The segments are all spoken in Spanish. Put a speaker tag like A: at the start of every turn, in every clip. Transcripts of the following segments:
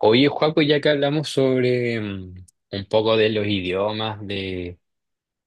A: Oye, Joaco, ya que hablamos sobre un poco de los idiomas, de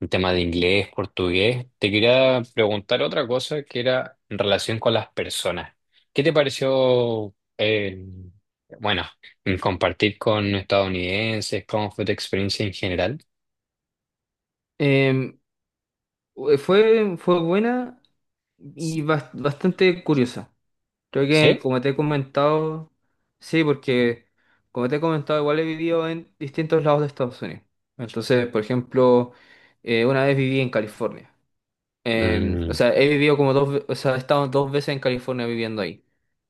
A: un tema de inglés, portugués, te quería preguntar otra cosa que era en relación con las personas. ¿Qué te pareció, bueno, compartir con estadounidenses? ¿Cómo fue tu experiencia en general?
B: Em, fue buena y bastante curiosa. Creo que
A: ¿Sí?
B: como te he comentado, sí, porque como te he comentado, igual he vivido en distintos lados de Estados Unidos. Entonces, por ejemplo, una vez viví en California. O
A: Mm,
B: sea, he vivido como o sea, he estado dos veces en California viviendo ahí.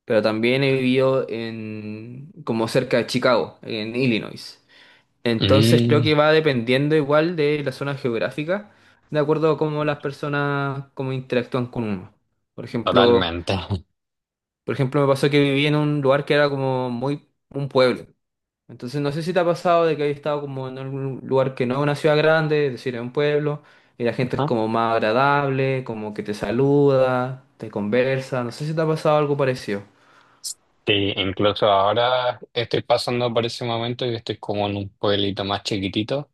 B: Pero también he vivido en como cerca de Chicago, en Illinois. Entonces creo que
A: mm,
B: va dependiendo igual de la zona geográfica, de acuerdo a cómo las personas como interactúan con uno. Por ejemplo,
A: totalmente. Ajá.
B: por ejemplo, me pasó que viví en un lugar que era como muy un pueblo. Entonces no sé si te ha pasado de que hayas estado como en algún lugar que no es una ciudad grande, es decir, es un pueblo, y la gente es como más agradable, como que te saluda, te conversa. No sé si te ha pasado algo parecido.
A: Sí, incluso ahora estoy pasando por ese momento y estoy como en un pueblito más chiquitito.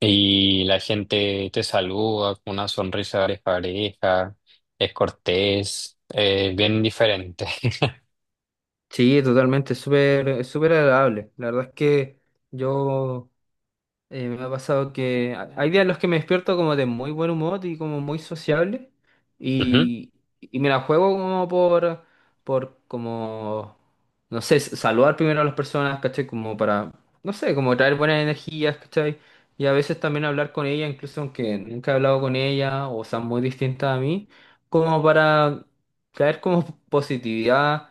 A: Y la gente te saluda con una sonrisa de pareja, es cortés, es bien diferente.
B: Sí, totalmente, es súper agradable. La verdad es que yo me ha pasado que hay días en los que me despierto como de muy buen humor y como muy sociable
A: Ujú.
B: y, y me la juego como por, no sé, saludar primero a las personas, ¿cachai? Como para, no sé, como traer buenas energías, ¿cachai? Y a veces también hablar con ella, incluso aunque nunca he hablado con ella o sean muy distintas a mí, como para traer como positividad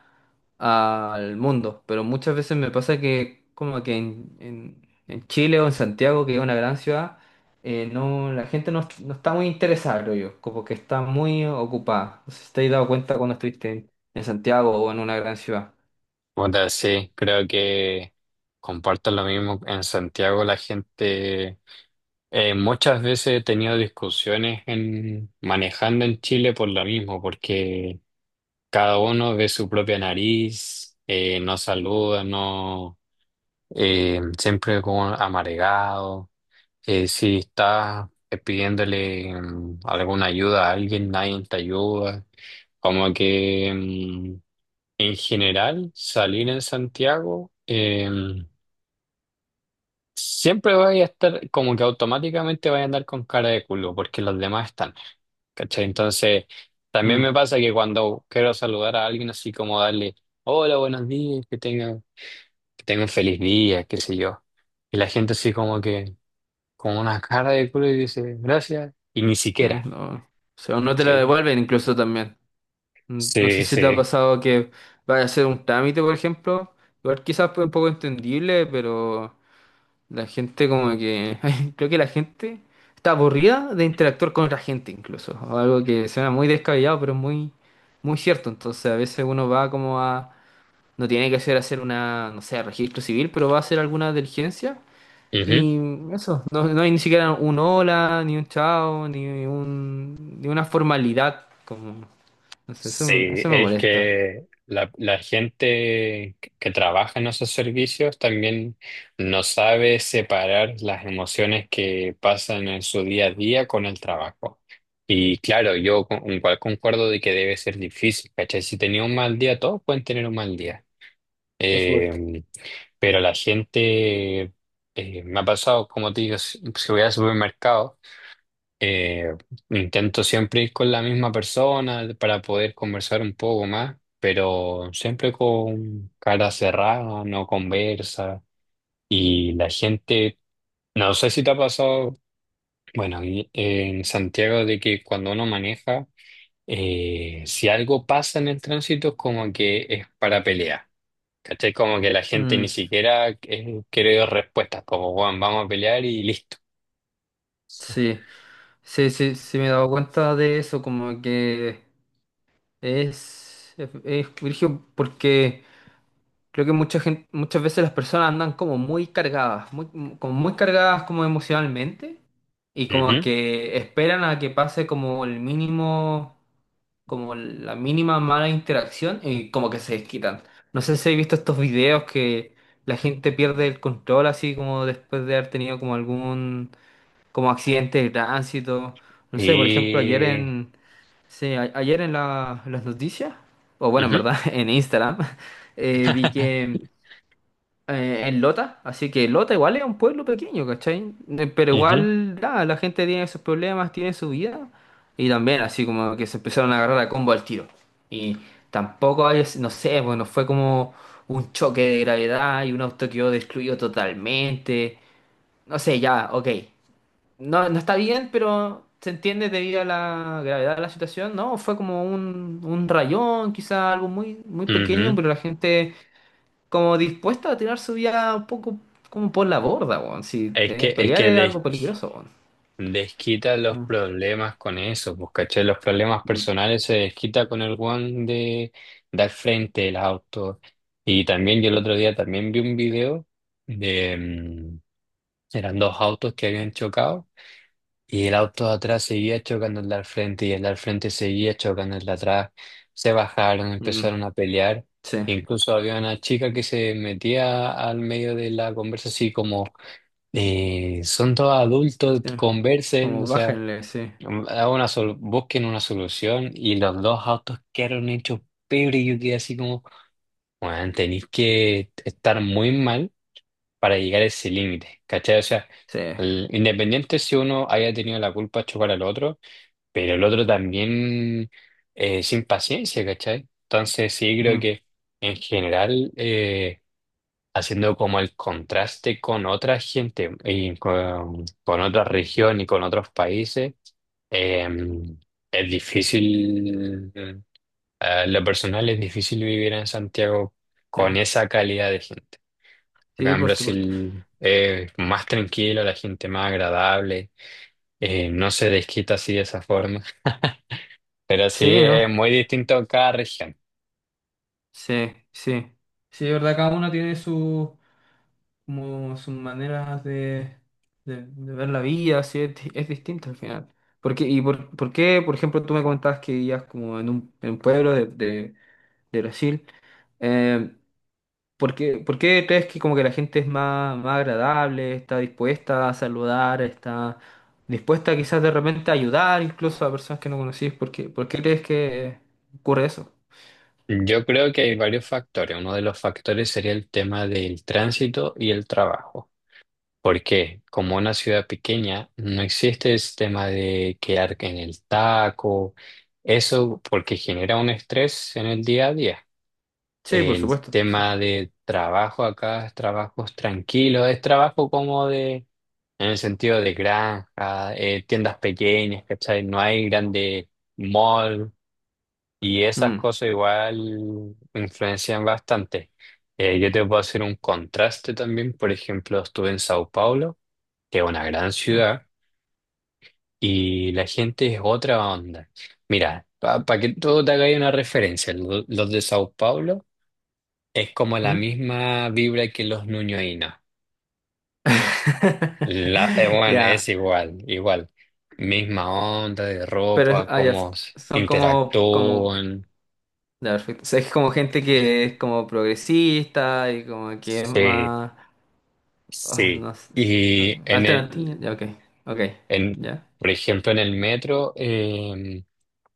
B: al mundo. Pero muchas veces me pasa que como que en Chile o en Santiago, que es una gran ciudad, no, la gente no, no está muy interesada, creo yo, como que está muy ocupada. No sé si te has dado cuenta cuando estuviste en Santiago o en una gran ciudad.
A: Puta, sí, creo que comparto lo mismo. En Santiago la gente, muchas veces he tenido discusiones en, manejando en Chile por lo mismo, porque cada uno ve su propia nariz, no saluda, no, siempre como amargado. Si estás pidiéndole alguna ayuda a alguien, nadie te ayuda. Como que en general salir en Santiago siempre vaya a estar como que automáticamente vaya a andar con cara de culo porque los demás están. ¿Cachai? Entonces también
B: Mm,
A: me pasa que cuando quiero saludar a alguien así como darle hola, buenos días, que tenga un feliz día, qué sé yo. Y la gente así como que... con una cara de culo y dice, gracias, y ni
B: sí,
A: siquiera,
B: o sea, o no te lo
A: ¿cachai?
B: devuelven incluso también. Mm, no sé
A: Sí,
B: si te ha
A: sí.
B: pasado que vayas a hacer un trámite, por ejemplo. Igual quizás fue un poco entendible, pero la gente como que... Creo que la gente está aburrida de interactuar con otra gente incluso. Algo que suena muy descabellado, pero es muy, muy cierto. Entonces a veces uno va como a... No tiene que hacer una, no sé, registro civil, pero va a hacer alguna diligencia.
A: Ujú.
B: Y eso, no, no hay ni siquiera un hola, ni un chao, ni una formalidad. Como, no sé, eso,
A: Sí,
B: eso me
A: es
B: molesta.
A: que la gente que trabaja en esos servicios también no sabe separar las emociones que pasan en su día a día con el trabajo. Y claro, yo con- igual concuerdo de que debe ser difícil, ¿cachai? Si tenía un mal día, todos pueden tener un mal día.
B: Por supuesto.
A: Em, Pero la gente, me ha pasado, como te digo, si voy al supermercado, eh, intento siempre ir con la misma persona para poder conversar un poco más, pero siempre con cara cerrada, no conversa. Y la gente, no sé si te ha pasado, bueno, y- en Santiago de que cuando uno maneja, si algo pasa en el tránsito es como que es para pelear. ¿Cachai? Como que la gente ni
B: Mm,
A: siquiera quiere dar respuestas, como, Juan, vamos a pelear y listo.
B: sí, sí, sí, sí me he dado cuenta de eso, como que... Es brígido porque creo que mucha gente, muchas veces las personas andan como muy cargadas, muy, como muy cargadas como emocionalmente y como
A: Ujú.
B: que esperan a que pase como el mínimo, como la mínima mala interacción y como que se desquitan. No sé si habéis visto estos videos que la gente pierde el control así como después de haber tenido como algún como accidente de tránsito. No sé, por ejemplo, ayer
A: Y...
B: en sí, ayer en las noticias, o bueno, en
A: ujú,
B: verdad, en Instagram, vi que en Lota, así que Lota igual es un pueblo pequeño, ¿cachai? Pero
A: ujú,
B: igual, nada, la gente tiene sus problemas, tiene su vida, y también así como que se empezaron a agarrar a combo al tiro. Y tampoco hay, no sé, bueno, fue como un choque de gravedad y un auto quedó destruido totalmente. No sé, ya, ok. No, no está bien, pero se entiende debido a la gravedad de la situación, ¿no? Fue como un rayón, quizá algo muy, muy pequeño,
A: ujú.
B: pero la gente como dispuesta a tirar su vida un poco como por la borda, weón. Si
A: Es que, es
B: pelear
A: que
B: es algo
A: des-
B: peligroso, weón.
A: desquita los
B: Mm,
A: problemas con eso, pues, ¿cachai? Los problemas
B: mm,
A: personales se desquita con el Juan de dar frente el auto. Y también yo el otro día también vi un video de... eran dos autos que habían chocado. Y el auto de atrás seguía chocando el de al frente y el de al frente seguía chocando el de atrás. Se bajaron,
B: mm,
A: empezaron a pelear.
B: sí,
A: Incluso había una chica que se metía al medio de la conversa así como, son todos adultos,
B: sí.
A: conversen, o
B: Como
A: sea,
B: bájenle, sí.
A: hagan una sol- busquen una solución. Y los dos autos quedaron hechos pebre y yo quedé así como, bueno, tenéis que estar muy mal para llegar a ese límite, ¿cachai? O sea,
B: Sí.
A: el- independiente si uno haya tenido la culpa de chocar al otro pero el otro también sin paciencia, ¿cachai? Entonces sí creo
B: Mm,
A: que en general haciendo como el contraste con otra gente y con otra región y con otros países, eh, es difícil, lo personal es difícil vivir en Santiago
B: sí.
A: con esa calidad de gente. Acá
B: Sí,
A: en
B: por supuesto.
A: Brasil es más tranquilo, la gente más agradable, no se desquita así de esa forma. Pero sí,
B: Sí,
A: es
B: ¿no?
A: muy distinto en cada región.
B: Sí, sí. Sí, de verdad, cada uno tiene su como sus maneras de, de ver la vida, así es, es distinta al final. Porque y por ejemplo, tú me comentabas que vivías como en un pueblo de Brasil? Eh, ¿por qué crees que como que la gente es más, más agradable, está dispuesta a saludar, está dispuesta quizás de repente a ayudar incluso a personas que no conocís? ¿Por qué crees que ocurre eso?
A: Yo creo que hay varios factores. Uno de los factores sería el tema del tránsito y el trabajo. ¿Por qué? Como una ciudad pequeña, no existe el tema de quedar en el taco. Eso porque genera un estrés en el día a día.
B: Sí, por
A: El
B: supuesto, sí.
A: tema de trabajo acá es trabajos tranquilos, es trabajo como de, en el sentido de granja, tiendas pequeñas, ¿cachai? No hay grande mall. Y esas
B: Mm,
A: cosas igual influencian bastante. Yo te puedo hacer un contraste también. Por ejemplo, estuve en Sao Paulo, que es una gran
B: ya.
A: ciudad, y la gente es otra onda. Mira, para que todo te haga ahí una referencia, lo- los de Sao Paulo es como la
B: Mm.
A: misma vibra que los ñuñoínos. La, bueno,
B: Ya.
A: es igual, igual. Misma onda de
B: Pero,
A: ropa,
B: ah, ya,
A: cómo s-
B: son como,
A: interactúan.
B: ya, perfecto. O sea, es como gente que es como progresista y como que es
A: Sí,
B: más, ah,
A: sí,
B: no sé, ah,
A: y en
B: alternativa,
A: el,
B: ya, ok, ok,
A: en,
B: ya.
A: por ejemplo, en el metro,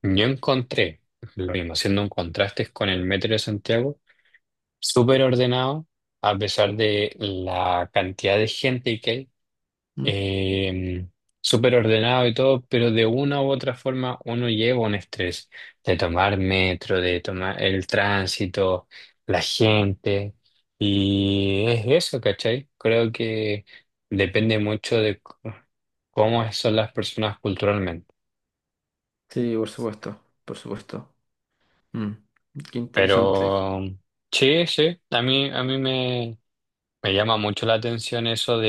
A: yo encontré, lo mismo, haciendo un contraste con el metro de Santiago, súper ordenado, a pesar de la cantidad de gente que hay,
B: Mm.
A: eh, súper ordenado y todo, pero de una u otra forma uno lleva un estrés de tomar metro, de tomar el tránsito, la gente, y es eso, ¿cachai? Creo que depende mucho de c- cómo son las personas culturalmente.
B: Sí, por supuesto, por supuesto. Mm, qué interesante.
A: Pero sí, sí, a mí me, me llama mucho la atención eso.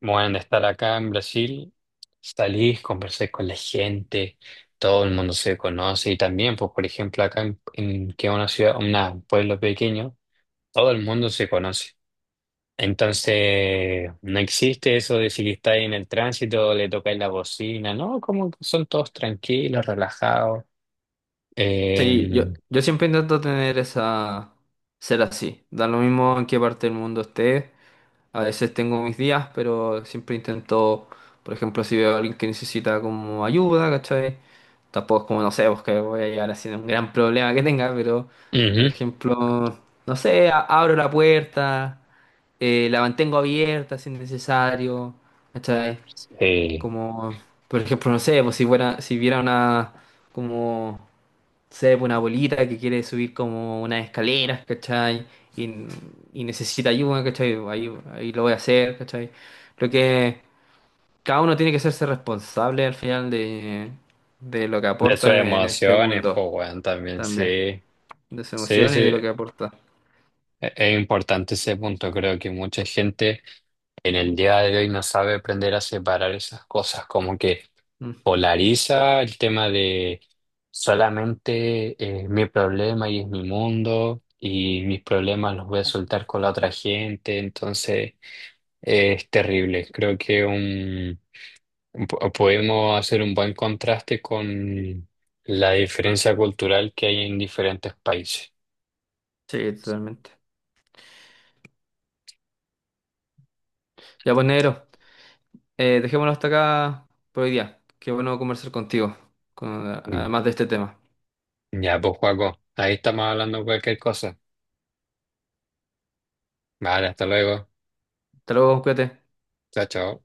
A: Bueno, de estar acá en Brasil, salís, conversás con la gente, todo el mundo se conoce y también, pues, por ejemplo, acá en- que es una ciudad, una- un pueblo pequeño, todo el mundo se conoce. Entonces, no existe eso de si estáis en el tránsito, le tocáis la bocina, ¿no? Como que son todos tranquilos, relajados.
B: Sí, yo,
A: Eh,
B: yo siempre intento tener esa, ser así, da lo mismo en qué parte del mundo esté. A veces tengo mis días, pero siempre intento, por ejemplo, si veo a alguien que necesita como ayuda, ¿cachai? Tampoco es como, no sé, pues que voy a llegar haciendo un gran problema que tenga, pero, por
A: ujú,
B: ejemplo, no sé, abro la puerta, la mantengo abierta si es necesario, ¿cachai?
A: sí.
B: Como, por ejemplo, no sé, pues si fuera, si viera una, como se ve una abuelita que quiere subir como unas escaleras, ¿cachai? Y, y necesita ayuda, ¿cachai? Ahí, ahí lo voy a hacer, ¿cachai? Lo que cada uno tiene que hacerse responsable al final de lo que
A: De sus
B: aporta en este
A: emociones,
B: mundo
A: pues, bueno, también,
B: también,
A: sí.
B: de sus
A: Sí,
B: emociones y de
A: sí.
B: lo que aporta.
A: E- Es importante ese punto, creo que mucha gente en el día de hoy no sabe aprender a separar esas cosas, como que
B: Mm,
A: polariza el tema de solamente es mi problema y es mi mundo y mis problemas los voy a soltar con la otra gente, entonces es terrible. Creo que un, po- podemos hacer un buen contraste con la diferencia cultural que hay en diferentes países.
B: sí, totalmente. Ya pues, negro, dejémoslo hasta acá por hoy día. Qué bueno conversar contigo, con-
A: Mm.
B: además de este tema.
A: Ya, pues, Juaco, ahí estamos hablando de cualquier cosa. Vale, hasta luego.
B: Hasta luego, cuídate.
A: Chao, chao.